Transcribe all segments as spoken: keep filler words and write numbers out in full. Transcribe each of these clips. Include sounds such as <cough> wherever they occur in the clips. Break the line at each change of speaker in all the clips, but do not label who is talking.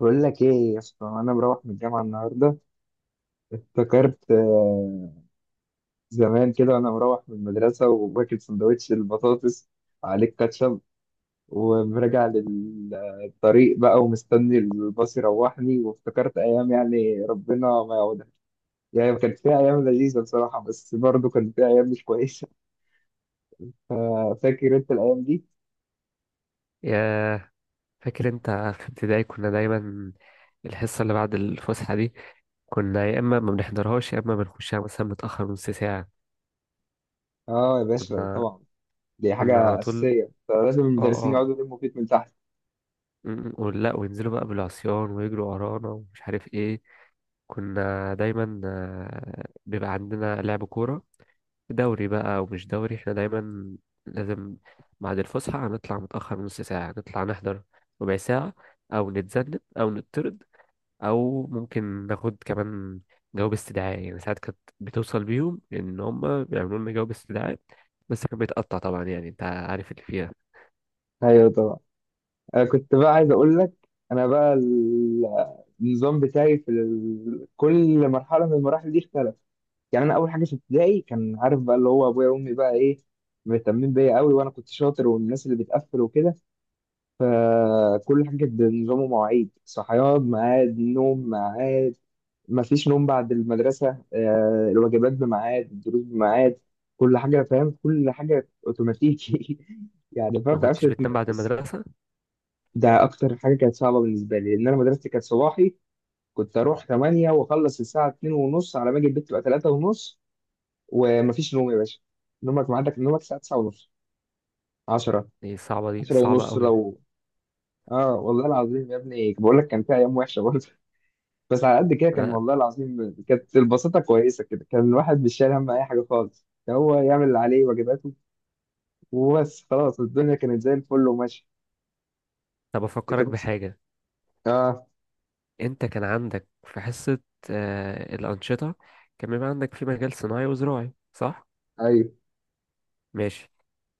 بقول لك ايه يا اسطى؟ انا مروح من الجامعه النهارده. افتكرت آه، زمان كده وانا مروح من المدرسه وباكل سندوتش البطاطس عليه كاتشب، وراجع للطريق بقى ومستني الباص يروحني. وافتكرت ايام، يعني ربنا ما يعودها. يعني كانت فيها ايام لذيذه بصراحه، بس برضه كان فيها ايام مش كويسه. <laughs> آه، فاكر انت الايام دي.
يا فاكر انت في ابتدائي كنا دايما الحصة اللي بعد الفسحة دي كنا يا اما ما بنحضرهاش يا اما بنخشها مثلا متأخر نص ساعة.
اه يا باشا
كنا
طبعا. دي
كنا على
حاجه
طول.
اساسيه، لازم
اه
المدرسين
اه
يقعدوا يلموا فيك من تحت.
م- م- ولا وينزلوا بقى بالعصيان ويجروا ورانا ومش عارف ايه. كنا دايما آه، بيبقى عندنا لعب كورة، دوري بقى ومش دوري. احنا دايما لازم بعد الفسحة هنطلع متأخر نص ساعة، نطلع نحضر ربع ساعة، أو نتذنب أو نطرد، او ممكن ناخد كمان جواب استدعاء. يعني ساعات كانت بتوصل بيهم ان هم بيعملوا لنا جواب استدعاء، بس كان بيتقطع طبعا، يعني انت عارف اللي فيها.
ايوه طبعا. انا كنت بقى عايز اقول لك، انا بقى ال- النظام بتاعي في ال- كل مرحله من المراحل دي اختلف. يعني انا اول حاجه في ابتدائي، كان عارف بقى اللي هو ابويا وامي بقى ايه، مهتمين بيا قوي وانا كنت شاطر والناس اللي بتقفل وكده. فكل حاجه كانت بنظام ومواعيد، صحيان ميعاد، نوم ميعاد، مفيش نوم بعد المدرسه، آه، الواجبات بميعاد، الدروس بميعاد. كل حاجه فاهم، كل حاجه اوتوماتيكي. <laughs> يعني فاهم، ما
ما
بتعرفش
كنتش بتنام بعد
تتنفس.
المدرسة؟
ده اكتر حاجه كانت صعبه بالنسبه لي، لان انا مدرستي كانت صباحي. كنت اروح تمانية واخلص الساعه اتنين ونص، على ما اجي البيت تبقى تلاتة ونص. ومفيش نوم يا باشا، نومك عندك نومك الساعه تسعة ونص، عشرة،
دي صعبة، دي
عشرة
صعبة
ونص
قوي.
لو. اه والله العظيم يا ابني بقول لك كان في ايام وحشه برضه. <laughs> بس على قد كده كان،
انا
والله العظيم كانت البساطه كويسه كده، كان الواحد مش شايل هم اي حاجه خالص، كان هو يعمل اللي عليه واجباته وبس خلاص. الدنيا كانت زي الفل وماشي.
طب
انت
افكرك
كنت،
بحاجة.
اه
انت كان عندك في حصة، آه الأنشطة، كان بيبقى عندك في مجال صناعي وزراعي صح؟
ايوه.
ماشي.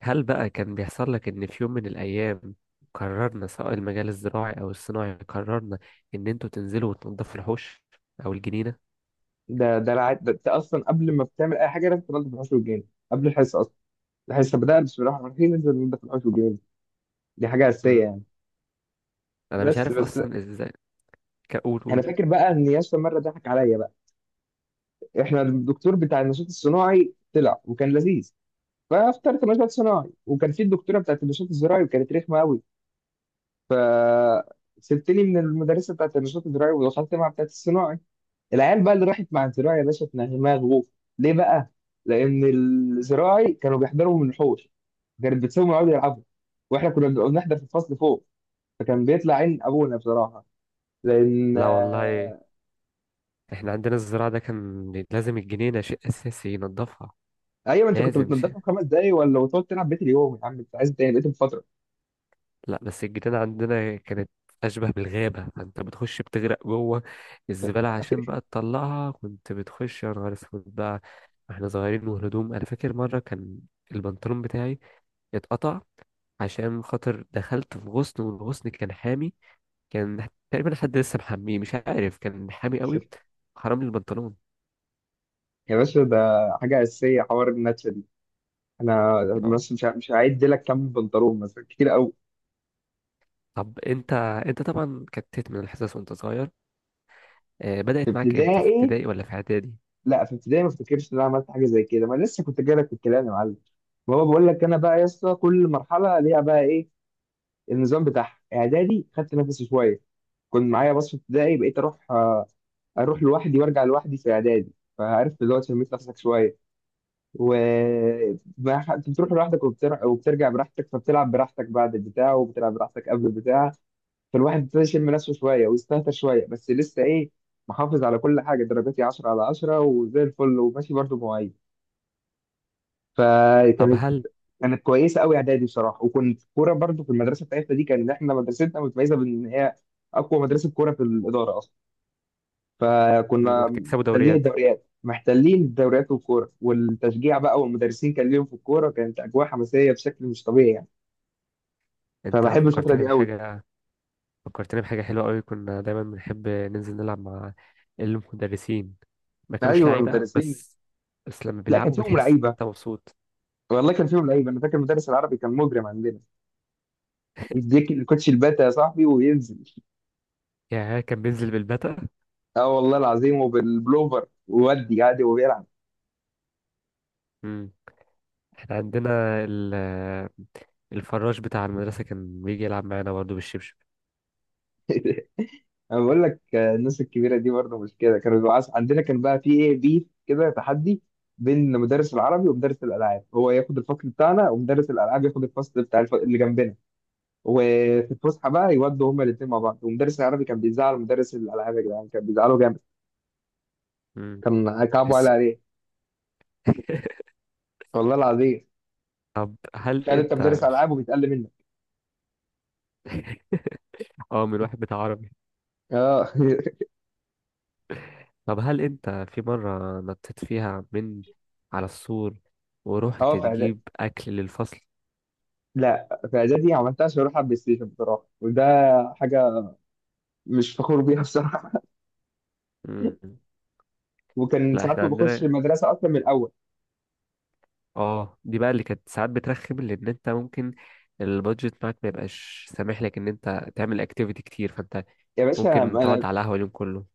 هل بقى كان بيحصل لك إن في يوم من الأيام قررنا سواء المجال الزراعي أو الصناعي، قررنا إن أنتوا تنزلوا وتنضفوا الحوش أو الجنينة؟
ده ده, الع... ده, ده اصلا قبل ما بتعمل اي حاجه لازم تنضف الحوش والجيران قبل الحصه اصلا. الحصه بدأت بسم الله الرحمن الرحيم، لازم ننضف الحوش والجيران. دي حاجه اساسيه
مم.
يعني.
أنا مش
بس
عارف
بس،
أصلا إزاي كقول
انا
قول.
فاكر بقى ان ياسر مره ضحك عليا بقى. احنا الدكتور بتاع النشاط الصناعي طلع وكان لذيذ، فاخترت نشاط صناعي. وكان في الدكتوره بتاعت النشاط الزراعي وكانت رخمه قوي. ف سبتني من المدرسه بتاعت النشاط الزراعي ودخلت مع بتاعت الصناعي. العيال بقى اللي راحت مع الزراعي يا باشا اتنغمها غوف. ليه بقى؟ لأن الزراعي كانوا بيحضروا من الحوش، كانت بتسيبهم يقعدوا يلعبوا، واحنا كنا بنبقى بنحضر في الفصل فوق، فكان بيطلع عين ابونا بصراحه. لان
لا والله،
آه،
إحنا عندنا الزراعة ده كان لازم الجنينة شيء أساسي ينضفها.
ايوه، انت كنت
لازم شيء.
بتنضفها في خمس دقايق، ولا وتقعد تلعب بيت اليوم يا عم انت عايز تاني بقيت بفتره.
لا بس الجنينة عندنا كانت أشبه بالغابة، فأنت بتخش بتغرق جوه الزبالة. عشان بقى تطلعها كنت بتخش يا نهار أسود بقى، واحنا صغيرين والهدوم. أنا فاكر مرة كان البنطلون بتاعي اتقطع عشان خاطر دخلت في غصن، والغصن كان حامي، كان تقريبا حد لسه محميه مش عارف، كان حامي قوي، حرام لي البنطلون.
يا باشا ده حاجه اساسيه، حوار النتشه دي. انا
آه.
بس مش ه- مش هعد لك كم بنطلون مثلا، كتير قوي.
طب انت، انت طبعا كتت من الحصص وانت صغير، آه،
في
بدأت معاك امتى، في
ابتدائي،
ابتدائي ولا في اعدادي؟
لا في ابتدائي ما افتكرش ان انا عملت حاجه زي كده، ما أنا لسه كنت جايلك في الكلام يا معلم. ما هو بقول لك انا بقى يا اسطى، كل مرحله ليها بقى ايه النظام بتاعها. اعدادي خدت نفسي شويه، كنت معايا باص في ابتدائي، بقيت اروح آه، اروح لوحدي وارجع لوحدي في اعدادي. فعرفت دلوقتي لميت نفسك شويه. و ما ح- كنت بتروح لوحدك وبتر... وبترجع براحتك فبتلعب براحتك بعد البتاع وبتلعب براحتك قبل البتاع. فالواحد ابتدى يشم نفسه شويه ويستهتر شويه، بس لسه ايه، محافظ على كل حاجه، درجاتي عشرة على عشرة وزي الفل وماشي، برضه مواعيد.
طب
فكانت
هل،
كانت كويسه قوي اعدادي بصراحه. وكنت كوره برضو، في المدرسه بتاعتنا دي كان احنا مدرستنا متميزه بان هي اقوى مدرسه كوره في الاداره اصلا.
مم،
فكنا
وبتكسبوا
محتلين
دوريات.
الدوريات، محتلين الدوريات والكوره والتشجيع بقى، والمدرسين كان ليهم في الكوره، كانت اجواء حماسيه بشكل مش طبيعي يعني.
انت
فبحب الفتره
فكرتني
دي قوي.
بحاجة، فكرتني بحاجة حلوة قوي. كنا دايما بنحب ننزل نلعب مع المدرسين. ما كانوش
ايوه
لعيبة قوي،
المدرسين،
بس بس لما
لا كان
بيلعبوا
فيهم
بتحس ان
لعيبه،
انت مبسوط.
والله كان فيهم لعيبه. انا فاكر المدرس العربي كان مجرم عندنا، يديك الكوتش الباتا يا صاحبي وينزل.
يعني كان بينزل بالبتة.
اه والله العظيم وبالبلوفر وودي عادي وبيلعب.
امم احنا عندنا ال... الفراش بتاع المدرسة كان بيجي يلعب معانا برضه بالشبشب.
<laughs> انا بقول لك آه، الناس الكبيره دي برضه مش كده. كانوا بيبقوا عايز- عندنا كان بقى في ايه بيف كده تحدي بين مدرس العربي ومدرس الالعاب، هو ياخد الفصل بتاعنا ومدرس الالعاب ياخد الفصل بتاع الف... اللي جنبنا. وفي الفسحه بقى يودوا هما الاثنين مع بعض، ومدرس العربي كان بيزعل مدرس الالعاب يا جدعان، كان بيزعله جامد،
امم
كان كعبه على
تحس.
عليه.
<laughs>
والله العظيم
طب هل
تخيل انت
انت،
مدرس العاب وبيتقل منك.
<laughs> اه من واحد بتاع عربي.
اه <laughs>
طب هل انت في مرة نطيت فيها من على السور ورحت
اه في اعدادي،
تجيب اكل للفصل؟
لا في اعدادي عملتها عشان اروح على البلاي ستيشن بصراحه، وده حاجه مش فخور بيها بصراحه.
مم.
وكان
لا
ساعات
احنا
ما باخدش
عندنا،
المدرسه اصلا من الاول.
اه دي بقى اللي كانت ساعات بترخم. لان انت ممكن البادجت بتاعك ما يبقاش سامح لك ان انت تعمل اكتيفيتي كتير، فانت
يا باشا،
ممكن
ما
تقعد
انا،
على قهوه اليوم كله.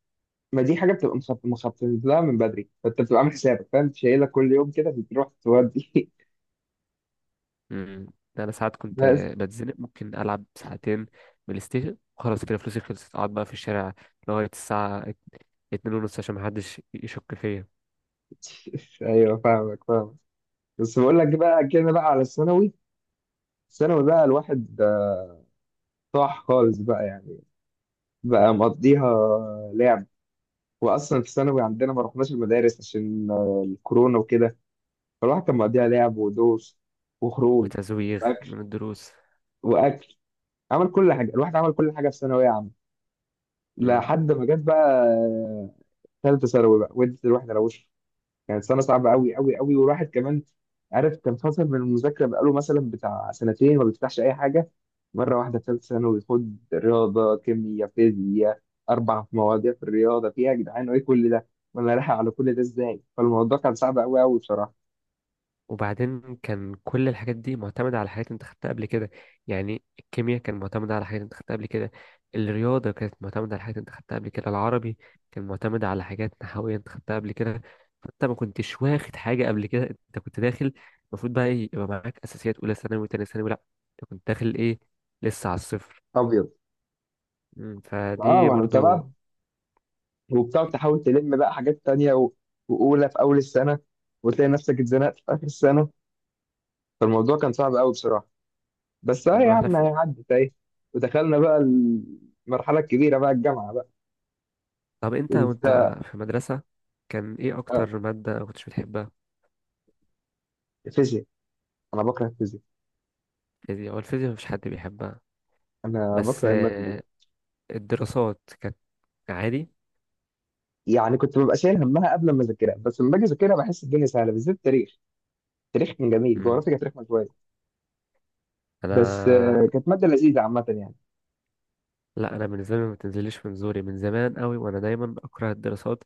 ما دي حاجه بتبقى مخطط مخطط لها من بدري، فانت بتبقى عامل حسابك فاهم، أنت شايلها كل يوم كده بتروح تودي.
امم انا ساعات
<laughs>
كنت
بس
بتزنق، ممكن العب ساعتين بلاي ستيشن خلاص كده، فلوسي خلصت اقعد بقى في الشارع لغايه الساعه ات- اتنين ونص عشان محدش يشك فيا.
ايوه فاهمك فاهمك. بس بقول لك بقى كده بقى على الثانوي. الثانوي بقى الواحد آه، طاح خالص بقى يعني. بقى مقضيها لعب، واصلا في الثانوي عندنا ما رحناش المدارس عشان آه، الكورونا وكده. فالواحد كان مقضيها لعب ودوس وخروج
وتزويغ
واكل
من الدروس.
واكل. عمل كل حاجه، الواحد عمل كل حاجه في ثانويه عامه. لحد ما جت بقى ثالثه ثانوي بقى وانت الواحد روشه. كانت سنه صعبه قوي قوي قوي، والواحد كمان عارف كان فاصل من المذاكره بقاله مثلا بتاع سنتين ما بيفتحش اي حاجه. مره واحده في ثالثه ثانوي خد رياضه كيمياء فيزياء، اربع مواضيع في الرياضه، فيها يا جدعان ايه كل ده، وانا رايح على كل ده ازاي؟ فالموضوع كان صعب قوي قوي بصراحه.
وبعدين كان كل الحاجات دي معتمدة على حاجات انت خدتها قبل كده. يعني الكيمياء كان معتمدة على حاجات انت خدتها قبل كده، الرياضة كانت معتمدة على حاجات انت خدتها قبل كده، العربي كان معتمد على حاجات نحوية انت خدتها قبل كده. فانت ما كنتش واخد حاجة قبل كده، انت كنت داخل، المفروض بقى ايه يبقى معاك اساسيات اولى ثانوي وتانية ثانوي، لا انت كنت داخل ايه، لسه على الصفر.
ابيض.
مم،
اه
فدي
ما انا متابع،
برضو.
وبتقعد تحاول تلم بقى حاجات تانية و- واولى في اول السنه، وتلاقي نفسك اتزنقت في اخر السنه. فالموضوع كان صعب قوي بصراحه. بس اه
مم،
يا
واحنا
عم
في...
يعني عدت اهي، ودخلنا بقى المرحله الكبيره بقى، الجامعه بقى.
طب انت
انت
وانت في المدرسة كان ايه اكتر مادة ما كنتش بتحبها؟
فيزياء، انا بكره الفيزياء،
الفيزياء، هو الفيزياء مفيش حد بيحبها.
انا
بس
بكره الماده دي.
آه، الدراسات كانت عادي.
يعني كنت ببقى شايل همها قبل ما اذاكرها، بس لما باجي اذاكرها بحس الدنيا سهله، بالذات التاريخ. التاريخ كان جميل،
مم.
جغرافيا كانت رخمه شويه، بس
انا
آه، كانت ماده لذيذه عامه يعني.
لا انا بالنسبه لي ما بتنزليش من زوري من زمان قوي، وانا دايما بكره الدراسات.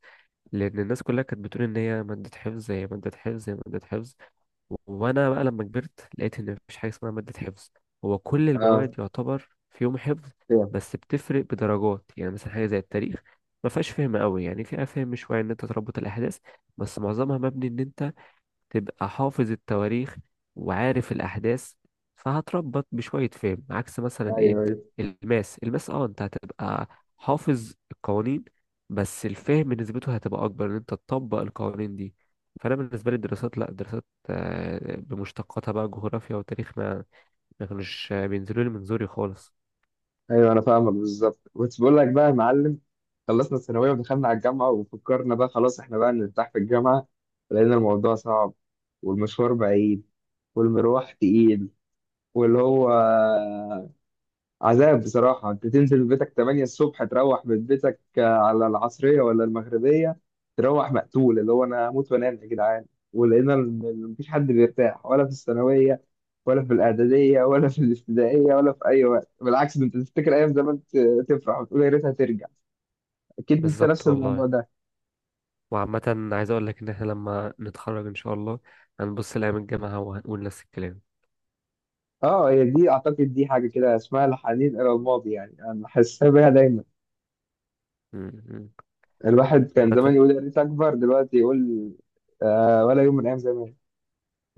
لان الناس كلها كانت بتقول ان هي ماده حفظ، هي ماده حفظ، هي ماده حفظ. وانا بقى لما كبرت لقيت ان مفيش حاجه اسمها ماده حفظ، هو كل
اه
المواد يعتبر فيهم حفظ.
فاهم.
بس بتفرق بدرجات. يعني مثلا حاجه زي التاريخ، ما فيهاش فهم قوي، يعني فيها فهم شويه ان انت تربط الاحداث، بس معظمها مبني ان انت تبقى حافظ التواريخ وعارف الأحداث، فهتربط بشوية فهم. عكس مثلا
ايوه
إيه،
أيوة.
الماس، الماس اه انت هتبقى حافظ القوانين، بس الفهم نسبته هتبقى أكبر إن أنت تطبق القوانين دي. فأنا بالنسبة لي الدراسات لأ، الدراسات آه، بمشتقاتها بقى جغرافيا وتاريخ، ما ما كانوش آه، بينزلوا لي من زوري خالص.
ايوه انا فاهمك بالظبط، كنت بقول لك بقى يا معلم، خلصنا الثانويه ودخلنا على الجامعه، وفكرنا بقى خلاص احنا بقى نرتاح في الجامعه، لقينا الموضوع صعب، والمشوار بعيد، والمروح تقيل، واللي هو عذاب بصراحة. أنت تنزل بيتك تمانية الصبح تروح من بيتك آه، على العصرية ولا المغربية، تروح مقتول، اللي هو أنا هموت وأنام يا جدعان. ولقينا إن مفيش حد بيرتاح، ولا في الثانوية ولا في الإعدادية ولا في الابتدائية ولا في أي وقت، بالعكس ده أنت تفتكر أيام زمان ت- تفرح وتقول يا ريتها ترجع. أكيد أنت
بالظبط
نفس
والله.
الموضوع ده.
وعامة عايز أقول لك إن إحنا لما نتخرج إن شاء الله هنبص لأيام الجامعة وهنقول نفس الكلام.
أه هي دي أعتقد دي حاجة كده اسمها الحنين إلى الماضي يعني، أنا حاسسها بيها دايما.
م- م.
الواحد كان
عامة
زمان يقول يا ريت أكبر دلوقتي، يقول آه ولا يوم من أيام زمان.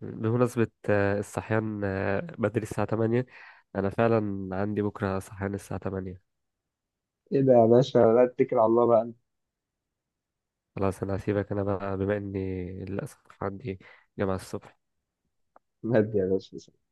بمناسبة آه، الصحيان آه، بدري الساعة ثمانية، أنا فعلا عندي بكرة صحيان الساعة ثمانية.
ايه ده يا باشا، لا اتكل على الله بقى انت.
خلاص أنا هسيبك، أنا بقى بما إني للأسف عندي جامعة الصبح.
مهدي يا باشا.